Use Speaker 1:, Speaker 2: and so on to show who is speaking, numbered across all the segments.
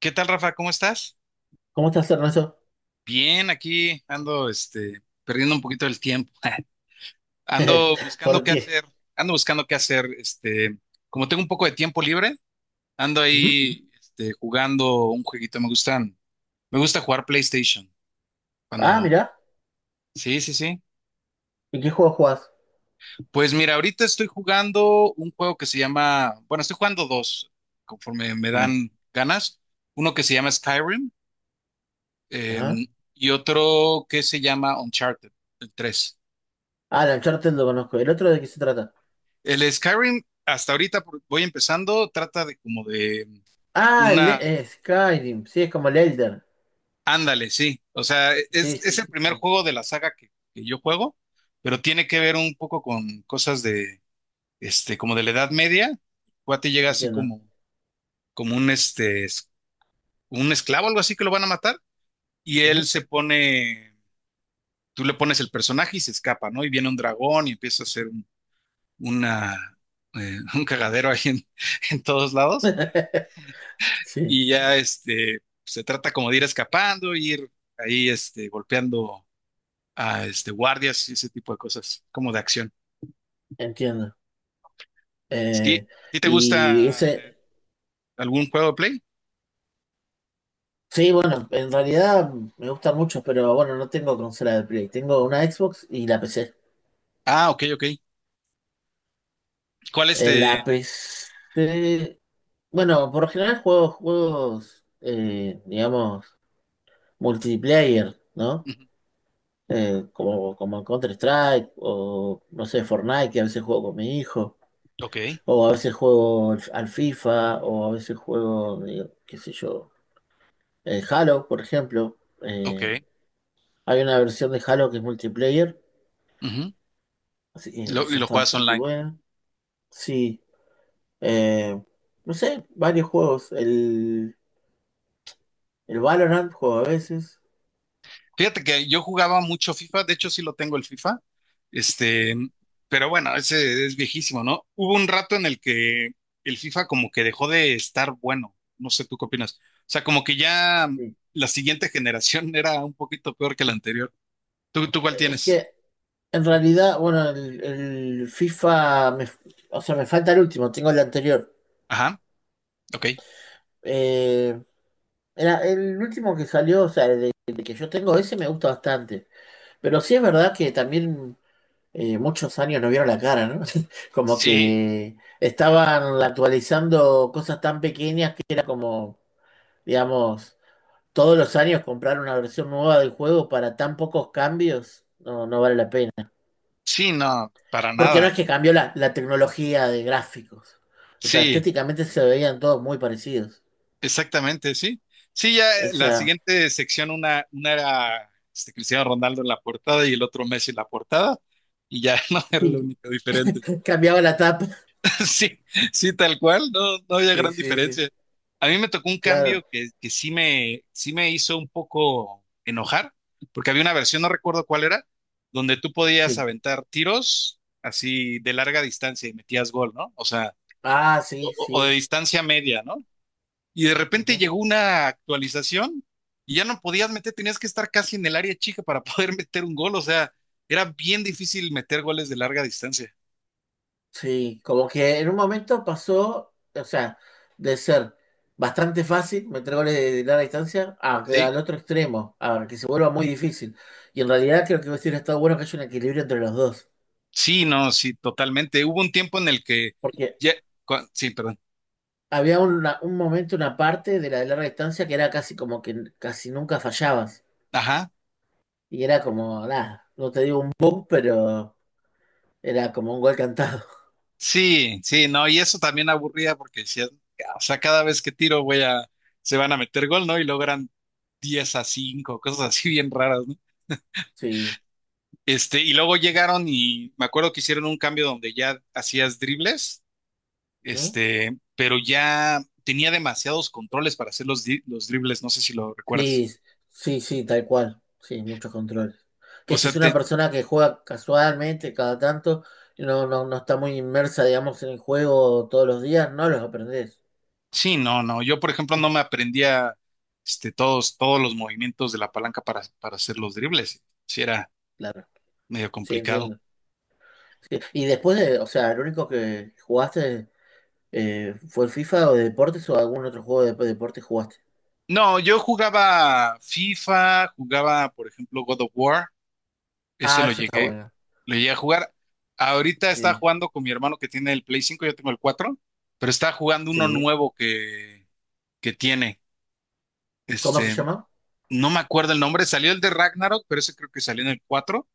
Speaker 1: ¿Qué tal, Rafa? ¿Cómo estás?
Speaker 2: ¿Cómo estás, Ernesto?
Speaker 1: Bien, aquí ando, perdiendo un poquito el tiempo. Ando buscando qué
Speaker 2: Fortier.
Speaker 1: hacer, ando buscando qué hacer, como tengo un poco de tiempo libre, ando
Speaker 2: Ujú.
Speaker 1: ahí, jugando un jueguito. Me gustan, me gusta jugar PlayStation.
Speaker 2: Ah,
Speaker 1: Cuando,
Speaker 2: mirá.
Speaker 1: sí, sí, sí.
Speaker 2: ¿En qué juego jugás?
Speaker 1: Pues mira, ahorita estoy jugando un juego que se llama, bueno, estoy jugando dos, conforme me
Speaker 2: Bien.
Speaker 1: dan ganas. Uno que se llama Skyrim, eh,
Speaker 2: Ajá.
Speaker 1: y otro que se llama Uncharted, el 3.
Speaker 2: Ah, el Uncharted lo conozco. ¿El otro de qué se trata?
Speaker 1: El Skyrim, hasta ahorita voy empezando, trata de como de
Speaker 2: Ah, el
Speaker 1: una...
Speaker 2: Skyrim. Sí, es como el Elder.
Speaker 1: Ándale, sí. O sea,
Speaker 2: Sí, sí,
Speaker 1: es el
Speaker 2: sí.
Speaker 1: primer
Speaker 2: Sí.
Speaker 1: juego de la saga que yo juego, pero tiene que ver un poco con cosas de, como de la Edad Media. Cuate llega así
Speaker 2: Entiendo.
Speaker 1: como, como un, un esclavo, algo así que lo van a matar, y él
Speaker 2: Ujú.
Speaker 1: se pone, tú le pones el personaje y se escapa, ¿no? Y viene un dragón y empieza a hacer un, una, un cagadero ahí en todos lados.
Speaker 2: Sí,
Speaker 1: Y ya se trata como de ir escapando, ir ahí golpeando a guardias y ese tipo de cosas, como de acción.
Speaker 2: entiendo. Eh,
Speaker 1: ¿Sí? ¿A ti te
Speaker 2: y
Speaker 1: gusta
Speaker 2: ese.
Speaker 1: algún juego de Play?
Speaker 2: Sí, bueno, en realidad me gustan mucho, pero bueno, no tengo consola de Play. Tengo una Xbox y la PC.
Speaker 1: Ah, ok, ok. ¿Cuál
Speaker 2: En
Speaker 1: este?
Speaker 2: la PC. Bueno, por lo general juego juegos, digamos. Multiplayer, ¿no?
Speaker 1: Ujú.
Speaker 2: Como Counter-Strike o, no sé, Fortnite, que a veces juego con mi hijo,
Speaker 1: Ok,
Speaker 2: o a veces juego al FIFA, o a veces juego, qué sé yo, Halo, por ejemplo.
Speaker 1: ok.
Speaker 2: Hay una versión de Halo que es multiplayer,
Speaker 1: Ujú.
Speaker 2: así que
Speaker 1: Y
Speaker 2: esa
Speaker 1: lo
Speaker 2: está
Speaker 1: juegas
Speaker 2: bastante
Speaker 1: online.
Speaker 2: buena. Sí, eh, no sé, varios juegos. El Valorant juego a veces.
Speaker 1: Fíjate que yo jugaba mucho FIFA, de hecho sí lo tengo el FIFA, este,
Speaker 2: Sí,
Speaker 1: pero bueno, ese es viejísimo, ¿no? Hubo un rato en el que el FIFA como que dejó de estar bueno, no sé tú qué opinas. O sea, como que ya
Speaker 2: sí.
Speaker 1: la siguiente generación era un poquito peor que la anterior. ¿Tú ¿cuál
Speaker 2: Es
Speaker 1: tienes?
Speaker 2: que en realidad, bueno, el FIFA, o sea, me falta el último, tengo el anterior.
Speaker 1: Ajá, ok.
Speaker 2: Eh, era el último que salió, o sea, el que yo tengo, ese me gusta bastante. Pero sí es verdad que también, muchos años no vieron la cara, ¿no? Como
Speaker 1: Sí,
Speaker 2: que estaban actualizando cosas tan pequeñas que era como, digamos, todos los años comprar una versión nueva del juego para tan pocos cambios, no, no vale la pena.
Speaker 1: sí, no, para
Speaker 2: Porque no es
Speaker 1: nada.
Speaker 2: que cambió la tecnología de gráficos. O sea,
Speaker 1: Sí.
Speaker 2: estéticamente se veían todos muy parecidos.
Speaker 1: Exactamente, sí. Sí, ya la
Speaker 2: Esa.
Speaker 1: siguiente sección, una era Cristiano Ronaldo en la portada y el otro Messi en la portada, y ya no era lo
Speaker 2: Sí.
Speaker 1: único diferente.
Speaker 2: Cambiaba la tapa.
Speaker 1: Sí, sí, tal cual, no, no había
Speaker 2: Sí,
Speaker 1: gran
Speaker 2: sí,
Speaker 1: diferencia.
Speaker 2: sí,
Speaker 1: A mí me tocó un cambio
Speaker 2: claro.
Speaker 1: que, sí me hizo un poco enojar, porque había una versión, no recuerdo cuál era, donde tú podías
Speaker 2: Sí.
Speaker 1: aventar tiros así de larga distancia y metías gol, ¿no? O sea,
Speaker 2: Ah, sí,
Speaker 1: o de
Speaker 2: sí.
Speaker 1: distancia media, ¿no? Y de repente
Speaker 2: Ujú.
Speaker 1: llegó una actualización y ya no podías meter, tenías que estar casi en el área chica para poder meter un gol, o sea, era bien difícil meter goles de larga distancia,
Speaker 2: Sí, como que en un momento pasó, o sea, de ser bastante fácil meter goles de larga distancia a que
Speaker 1: ¿sí?
Speaker 2: al otro extremo, a que se vuelva muy difícil. Y en realidad creo que hubiera estado bueno que haya un equilibrio entre los dos.
Speaker 1: Sí, no, sí, totalmente. Hubo un tiempo en el que
Speaker 2: Porque
Speaker 1: ya, sí, perdón,
Speaker 2: había un momento, una parte de la de larga distancia que era casi como que casi nunca fallabas.
Speaker 1: ajá,
Speaker 2: Y era como, nada, no te digo un boom, pero era como un gol cantado.
Speaker 1: sí, sí, no, y eso también aburría porque decías, "Ah, o sea, cada vez que tiro, se van a meter gol, ¿no?" Y logran 10 a 5 cosas así bien raras, ¿no?
Speaker 2: Sí,
Speaker 1: Y luego llegaron y me acuerdo que hicieron un cambio donde ya hacías dribles,
Speaker 2: ¿no?
Speaker 1: pero ya tenía demasiados controles para hacer los, los dribles, no sé si lo recuerdas.
Speaker 2: Sí, sí, sí, tal cual. Sí, muchos controles.
Speaker 1: O
Speaker 2: Que si es
Speaker 1: sea,
Speaker 2: una
Speaker 1: te,
Speaker 2: persona que juega casualmente cada tanto, y no, no, no está muy inmersa, digamos, en el juego todos los días, no los aprendés.
Speaker 1: sí, no, no, yo por ejemplo no me aprendía todos los movimientos de la palanca para hacer los dribles, sí era
Speaker 2: Claro,
Speaker 1: medio
Speaker 2: sí,
Speaker 1: complicado.
Speaker 2: entiendo. Sí, y después de, o sea, el único que jugaste, ¿fue el FIFA o de deportes o algún otro juego de deportes jugaste?
Speaker 1: No, yo jugaba FIFA, jugaba por ejemplo God of War, ese
Speaker 2: Ah,
Speaker 1: lo
Speaker 2: eso está
Speaker 1: llegué,
Speaker 2: bueno.
Speaker 1: lo llegué a jugar. Ahorita está
Speaker 2: Sí,
Speaker 1: jugando con mi hermano que tiene el Play 5, yo tengo el 4, pero está jugando uno
Speaker 2: sí.
Speaker 1: nuevo que tiene.
Speaker 2: ¿Cómo se
Speaker 1: Este,
Speaker 2: llama?
Speaker 1: no me acuerdo el nombre, salió el de Ragnarok, pero ese creo que salió en el 4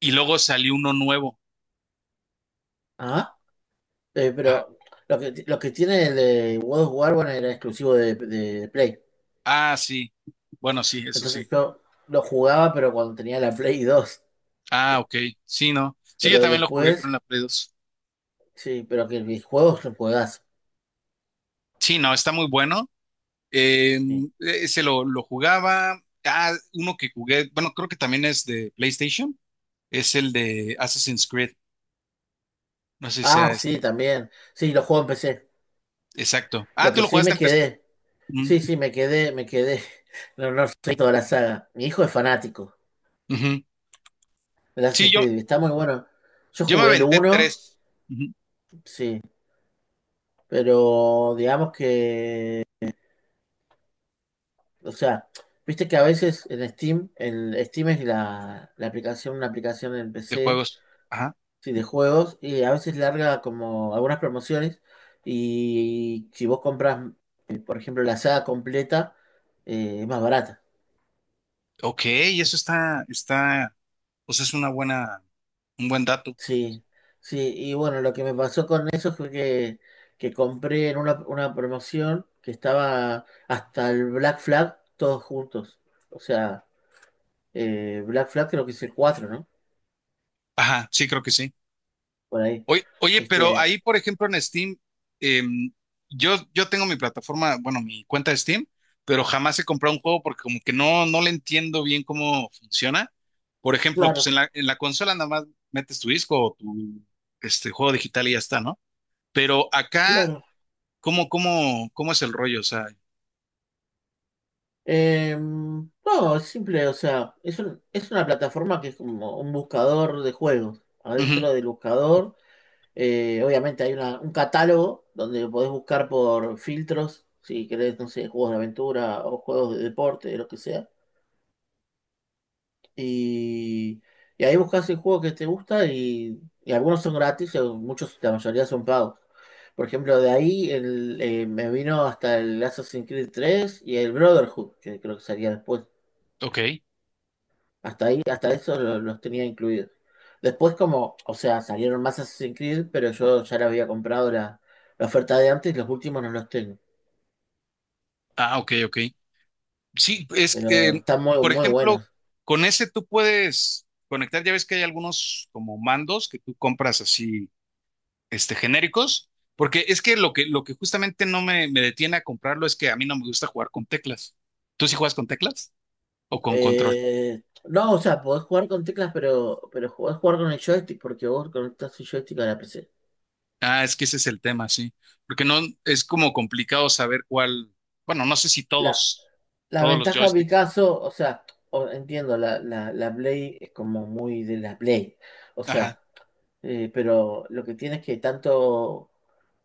Speaker 1: y luego salió uno nuevo.
Speaker 2: Ah,
Speaker 1: Ajá.
Speaker 2: pero lo que tiene el de World of War, bueno, era exclusivo de Play.
Speaker 1: Ah, sí. Bueno, sí, eso sí.
Speaker 2: Entonces yo lo jugaba, pero cuando tenía la Play 2.
Speaker 1: Ah, ok. Sí, no. Sí, yo
Speaker 2: Pero
Speaker 1: también lo jugué
Speaker 2: después,
Speaker 1: con la Play dos.
Speaker 2: sí, pero que mis juegos son juegas.
Speaker 1: Sí, no, está muy bueno. Eh,
Speaker 2: Sí.
Speaker 1: ese lo jugaba. Ah, uno que jugué, bueno, creo que también es de PlayStation, es el de Assassin's Creed. No sé si sea
Speaker 2: Ah,
Speaker 1: es-
Speaker 2: sí, también. Sí, los juegos en PC.
Speaker 1: exacto. Ah,
Speaker 2: Lo
Speaker 1: tú
Speaker 2: que
Speaker 1: lo
Speaker 2: sí
Speaker 1: jugaste
Speaker 2: me
Speaker 1: en PC.
Speaker 2: quedé.
Speaker 1: Mm,
Speaker 2: Sí, sí, me quedé, me quedé. No, no soy toda la saga. Mi hijo es fanático.
Speaker 1: ujú.
Speaker 2: El
Speaker 1: Sí,
Speaker 2: Assassin's Creed, está muy bueno. Yo
Speaker 1: yo me
Speaker 2: jugué el
Speaker 1: aventé
Speaker 2: uno
Speaker 1: tres, ujú,
Speaker 2: sí, pero digamos que, o sea, viste que a veces en Steam, el Steam es la aplicación, una aplicación en
Speaker 1: de
Speaker 2: PC,
Speaker 1: juegos.
Speaker 2: sí, de juegos, y a veces larga como algunas promociones, y si vos compras, por ejemplo, la saga completa, es más barata.
Speaker 1: Ok, eso está, está, pues es una buena, un buen dato.
Speaker 2: Sí, sí, y bueno, lo que me pasó con eso fue que compré en una promoción que estaba hasta el Black Flag todos juntos. O sea, Black Flag creo que es el cuatro, ¿no?
Speaker 1: Ajá, sí, creo que sí.
Speaker 2: Por ahí.
Speaker 1: Oye, oye, pero
Speaker 2: Este,
Speaker 1: ahí, por ejemplo, en Steam, em, yo tengo mi plataforma, bueno, mi cuenta de Steam, pero jamás he comprado un juego porque como que no, no le entiendo bien cómo funciona. Por ejemplo, pues
Speaker 2: claro,
Speaker 1: en la consola nada más metes tu disco o tu este juego digital y ya está, ¿no? Pero acá,
Speaker 2: claro.
Speaker 1: ¿cómo, cómo, cómo es el rollo? O sea,
Speaker 2: No, es simple, o sea, es es una plataforma que es como un buscador de juegos.
Speaker 1: ujú,
Speaker 2: Adentro del buscador. Obviamente hay un catálogo donde podés buscar por filtros, si querés, no sé, juegos de aventura o juegos de deporte, lo que sea. Y, y ahí buscas el juego que te gusta y algunos son gratis, y muchos, la mayoría son pagos. Por ejemplo, de ahí me vino hasta el Assassin's Creed 3 y el Brotherhood, que creo que salía después.
Speaker 1: ok.
Speaker 2: Hasta ahí, hasta eso los tenía incluidos. Después como, o sea, salieron más Assassin's Creed, pero yo ya le había comprado la oferta de antes, los últimos no los tengo.
Speaker 1: Ah, ok, ok. Sí, es que,
Speaker 2: Pero están muy,
Speaker 1: por
Speaker 2: muy
Speaker 1: ejemplo,
Speaker 2: buenos.
Speaker 1: con ese tú puedes conectar, ya ves que hay algunos como mandos que tú compras así, genéricos, porque es que lo que justamente no me, me detiene a comprarlo es que a mí no me gusta jugar con teclas. ¿Tú sí juegas con teclas o con control?
Speaker 2: No, o sea, podés jugar con teclas, pero podés jugar con el joystick, porque vos conectás el joystick a la PC.
Speaker 1: Ah, es que ese es el tema, sí, porque no, es como complicado saber cuál, bueno, no sé si
Speaker 2: La,
Speaker 1: todos,
Speaker 2: la
Speaker 1: todos los
Speaker 2: ventaja en mi
Speaker 1: joysticks.
Speaker 2: caso, o sea, entiendo, la Play es como muy de la Play. O sea,
Speaker 1: Ajá.
Speaker 2: Pero lo que tiene es que tanto,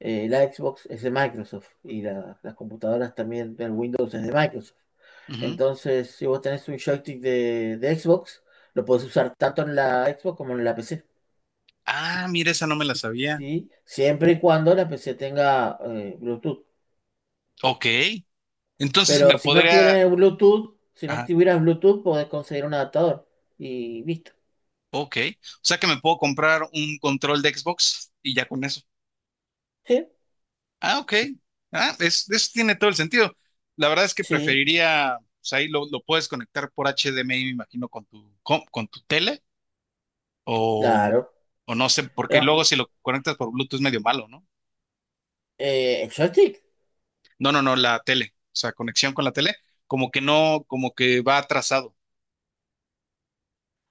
Speaker 2: la Xbox es de Microsoft y las computadoras también del Windows es de Microsoft.
Speaker 1: Ujú.
Speaker 2: Entonces, si vos tenés un joystick de Xbox, lo podés usar tanto en la Xbox como en la PC,
Speaker 1: Ah, mira, esa no me la sabía.
Speaker 2: ¿sí? Siempre y cuando la PC tenga, Bluetooth.
Speaker 1: Ok, entonces me
Speaker 2: Pero si no
Speaker 1: podría...
Speaker 2: tiene Bluetooth, si no
Speaker 1: Ajá.
Speaker 2: tuvieras Bluetooth, podés conseguir un adaptador y listo.
Speaker 1: Ok, o sea que me puedo comprar un control de Xbox y ya con eso.
Speaker 2: Sí,
Speaker 1: Ah, ok. Ah, eso tiene todo el sentido. La verdad es que
Speaker 2: sí,
Speaker 1: preferiría, o sea, ahí lo puedes conectar por HDMI, me imagino, con tu tele o,
Speaker 2: claro.
Speaker 1: o no sé, porque luego
Speaker 2: Pero,
Speaker 1: si lo conectas por Bluetooth es medio malo, ¿no?
Speaker 2: el joystick.
Speaker 1: No, no, no, la tele, o sea, conexión con la tele, como que no, como que va atrasado.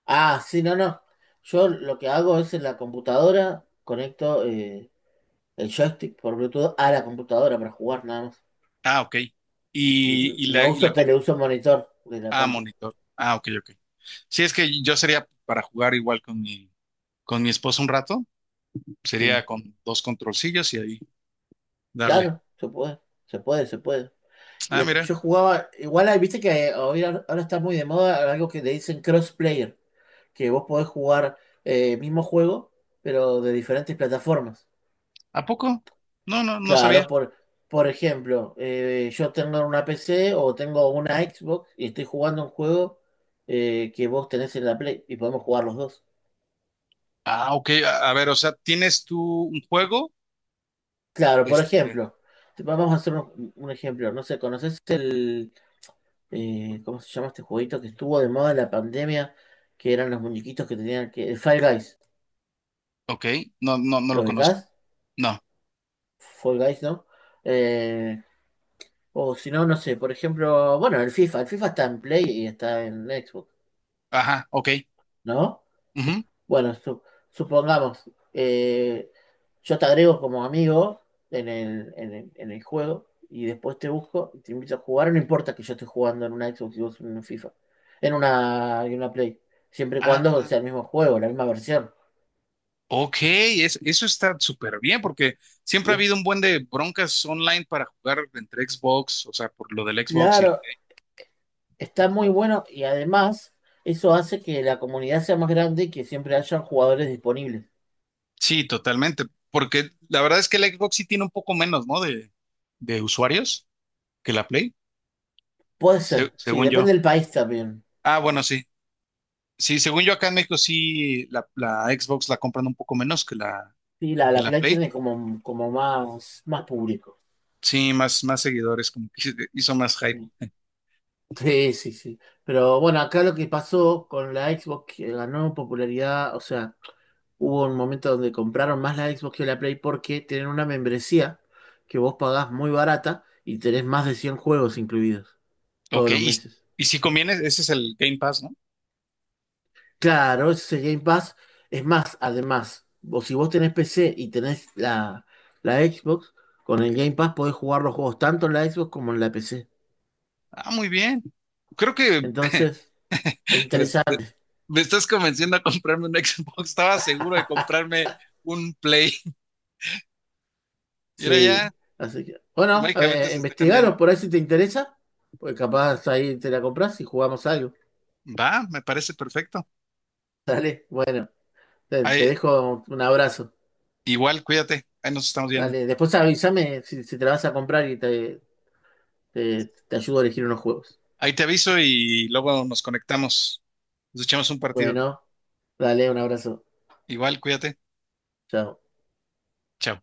Speaker 2: Ah, sí, no, no. Yo lo que hago es en la computadora, conecto, el joystick por Bluetooth a la computadora para jugar nada más.
Speaker 1: Ah, ok. Y,
Speaker 2: No
Speaker 1: y la
Speaker 2: uso tele, uso monitor de la
Speaker 1: ah,
Speaker 2: compu.
Speaker 1: monitor. Ah, ok, ok. Sí, es que yo sería para jugar igual con mi esposo un rato.
Speaker 2: Sí.
Speaker 1: Sería con dos controlcillos y ahí darle.
Speaker 2: Claro, se puede, se puede, se puede. Y
Speaker 1: Ah,
Speaker 2: después
Speaker 1: mira,
Speaker 2: yo jugaba, igual ahí, viste que ahora está muy de moda algo que le dicen crossplayer, que vos podés jugar, mismo juego, pero de diferentes plataformas.
Speaker 1: ¿a poco? No, no, no
Speaker 2: Claro,
Speaker 1: sabía.
Speaker 2: por ejemplo, yo tengo una PC o tengo una Xbox y estoy jugando un juego, que vos tenés en la Play y podemos jugar los dos.
Speaker 1: Ah, ok, a ver, o sea, ¿tienes tú un juego?
Speaker 2: Claro, por
Speaker 1: Este,
Speaker 2: ejemplo, vamos a hacer un ejemplo. No sé, ¿conoces cómo se llama este jueguito que estuvo de moda en la pandemia? Que eran los muñequitos que tenían que... El Fall Guys.
Speaker 1: ok, no, no, no
Speaker 2: ¿Lo
Speaker 1: lo conozco.
Speaker 2: ubicás?
Speaker 1: No,
Speaker 2: Fall Guys, ¿no? Eh, o si no, no sé, por ejemplo, bueno, el FIFA. El FIFA está en Play y está en Xbox,
Speaker 1: ajá, ok.
Speaker 2: ¿no?
Speaker 1: Ujú.
Speaker 2: Bueno, supongamos, yo te agrego como amigo en el juego y después te busco y te invito a jugar. No importa que yo esté jugando en una Xbox y vos en una FIFA, en una Play, siempre y cuando sea
Speaker 1: Ah,
Speaker 2: el mismo juego, la misma versión.
Speaker 1: ok, eso está súper bien porque siempre
Speaker 2: Y
Speaker 1: ha
Speaker 2: es
Speaker 1: habido un buen de broncas online para jugar entre Xbox, o sea, por lo del Xbox y el...
Speaker 2: claro, está muy bueno y además eso hace que la comunidad sea más grande y que siempre haya jugadores disponibles.
Speaker 1: Sí, totalmente, porque la verdad es que el Xbox sí tiene un poco menos, ¿no? De usuarios que la Play,
Speaker 2: Puede ser, sí,
Speaker 1: según yo.
Speaker 2: depende del país también.
Speaker 1: Ah, bueno, sí. Sí, según yo acá en México sí la Xbox la compran un poco menos
Speaker 2: Sí, la,
Speaker 1: que
Speaker 2: la
Speaker 1: la
Speaker 2: Play
Speaker 1: Play.
Speaker 2: tiene como más, más público.
Speaker 1: Sí, más, más seguidores, como que hizo más hype.
Speaker 2: Sí, sí, sí. Pero bueno, acá lo que pasó con la Xbox que ganó popularidad, o sea, hubo un momento donde compraron más la Xbox que la Play porque tienen una membresía que vos pagás muy barata y tenés más de 100 juegos incluidos
Speaker 1: Ok,
Speaker 2: todos los meses.
Speaker 1: y si conviene, ese es el Game Pass, ¿no?
Speaker 2: Claro, ese Game Pass es más, además, o si vos tenés PC y tenés la Xbox, con el Game Pass podés jugar los juegos tanto en la Xbox como en la PC.
Speaker 1: Ah, muy bien. Creo que
Speaker 2: Entonces, es
Speaker 1: les-
Speaker 2: interesante.
Speaker 1: me estás convenciendo a comprarme un Xbox. Estaba seguro de comprarme un Play. Y ahora ya,
Speaker 2: Sí, así que. Bueno, a
Speaker 1: mágicamente
Speaker 2: ver,
Speaker 1: se está cambiando.
Speaker 2: investigaros por ahí si te interesa, porque capaz ahí te la compras y jugamos algo.
Speaker 1: Va, me parece perfecto.
Speaker 2: Dale, bueno, te
Speaker 1: Ahí,
Speaker 2: dejo un abrazo.
Speaker 1: igual, cuídate. Ahí nos estamos viendo.
Speaker 2: Dale, después avísame si te la vas a comprar y te ayudo a elegir unos juegos.
Speaker 1: Ahí te aviso y luego nos conectamos. Nos echamos un partido.
Speaker 2: Bueno, dale, un abrazo.
Speaker 1: Igual, cuídate.
Speaker 2: Chao.
Speaker 1: Chao.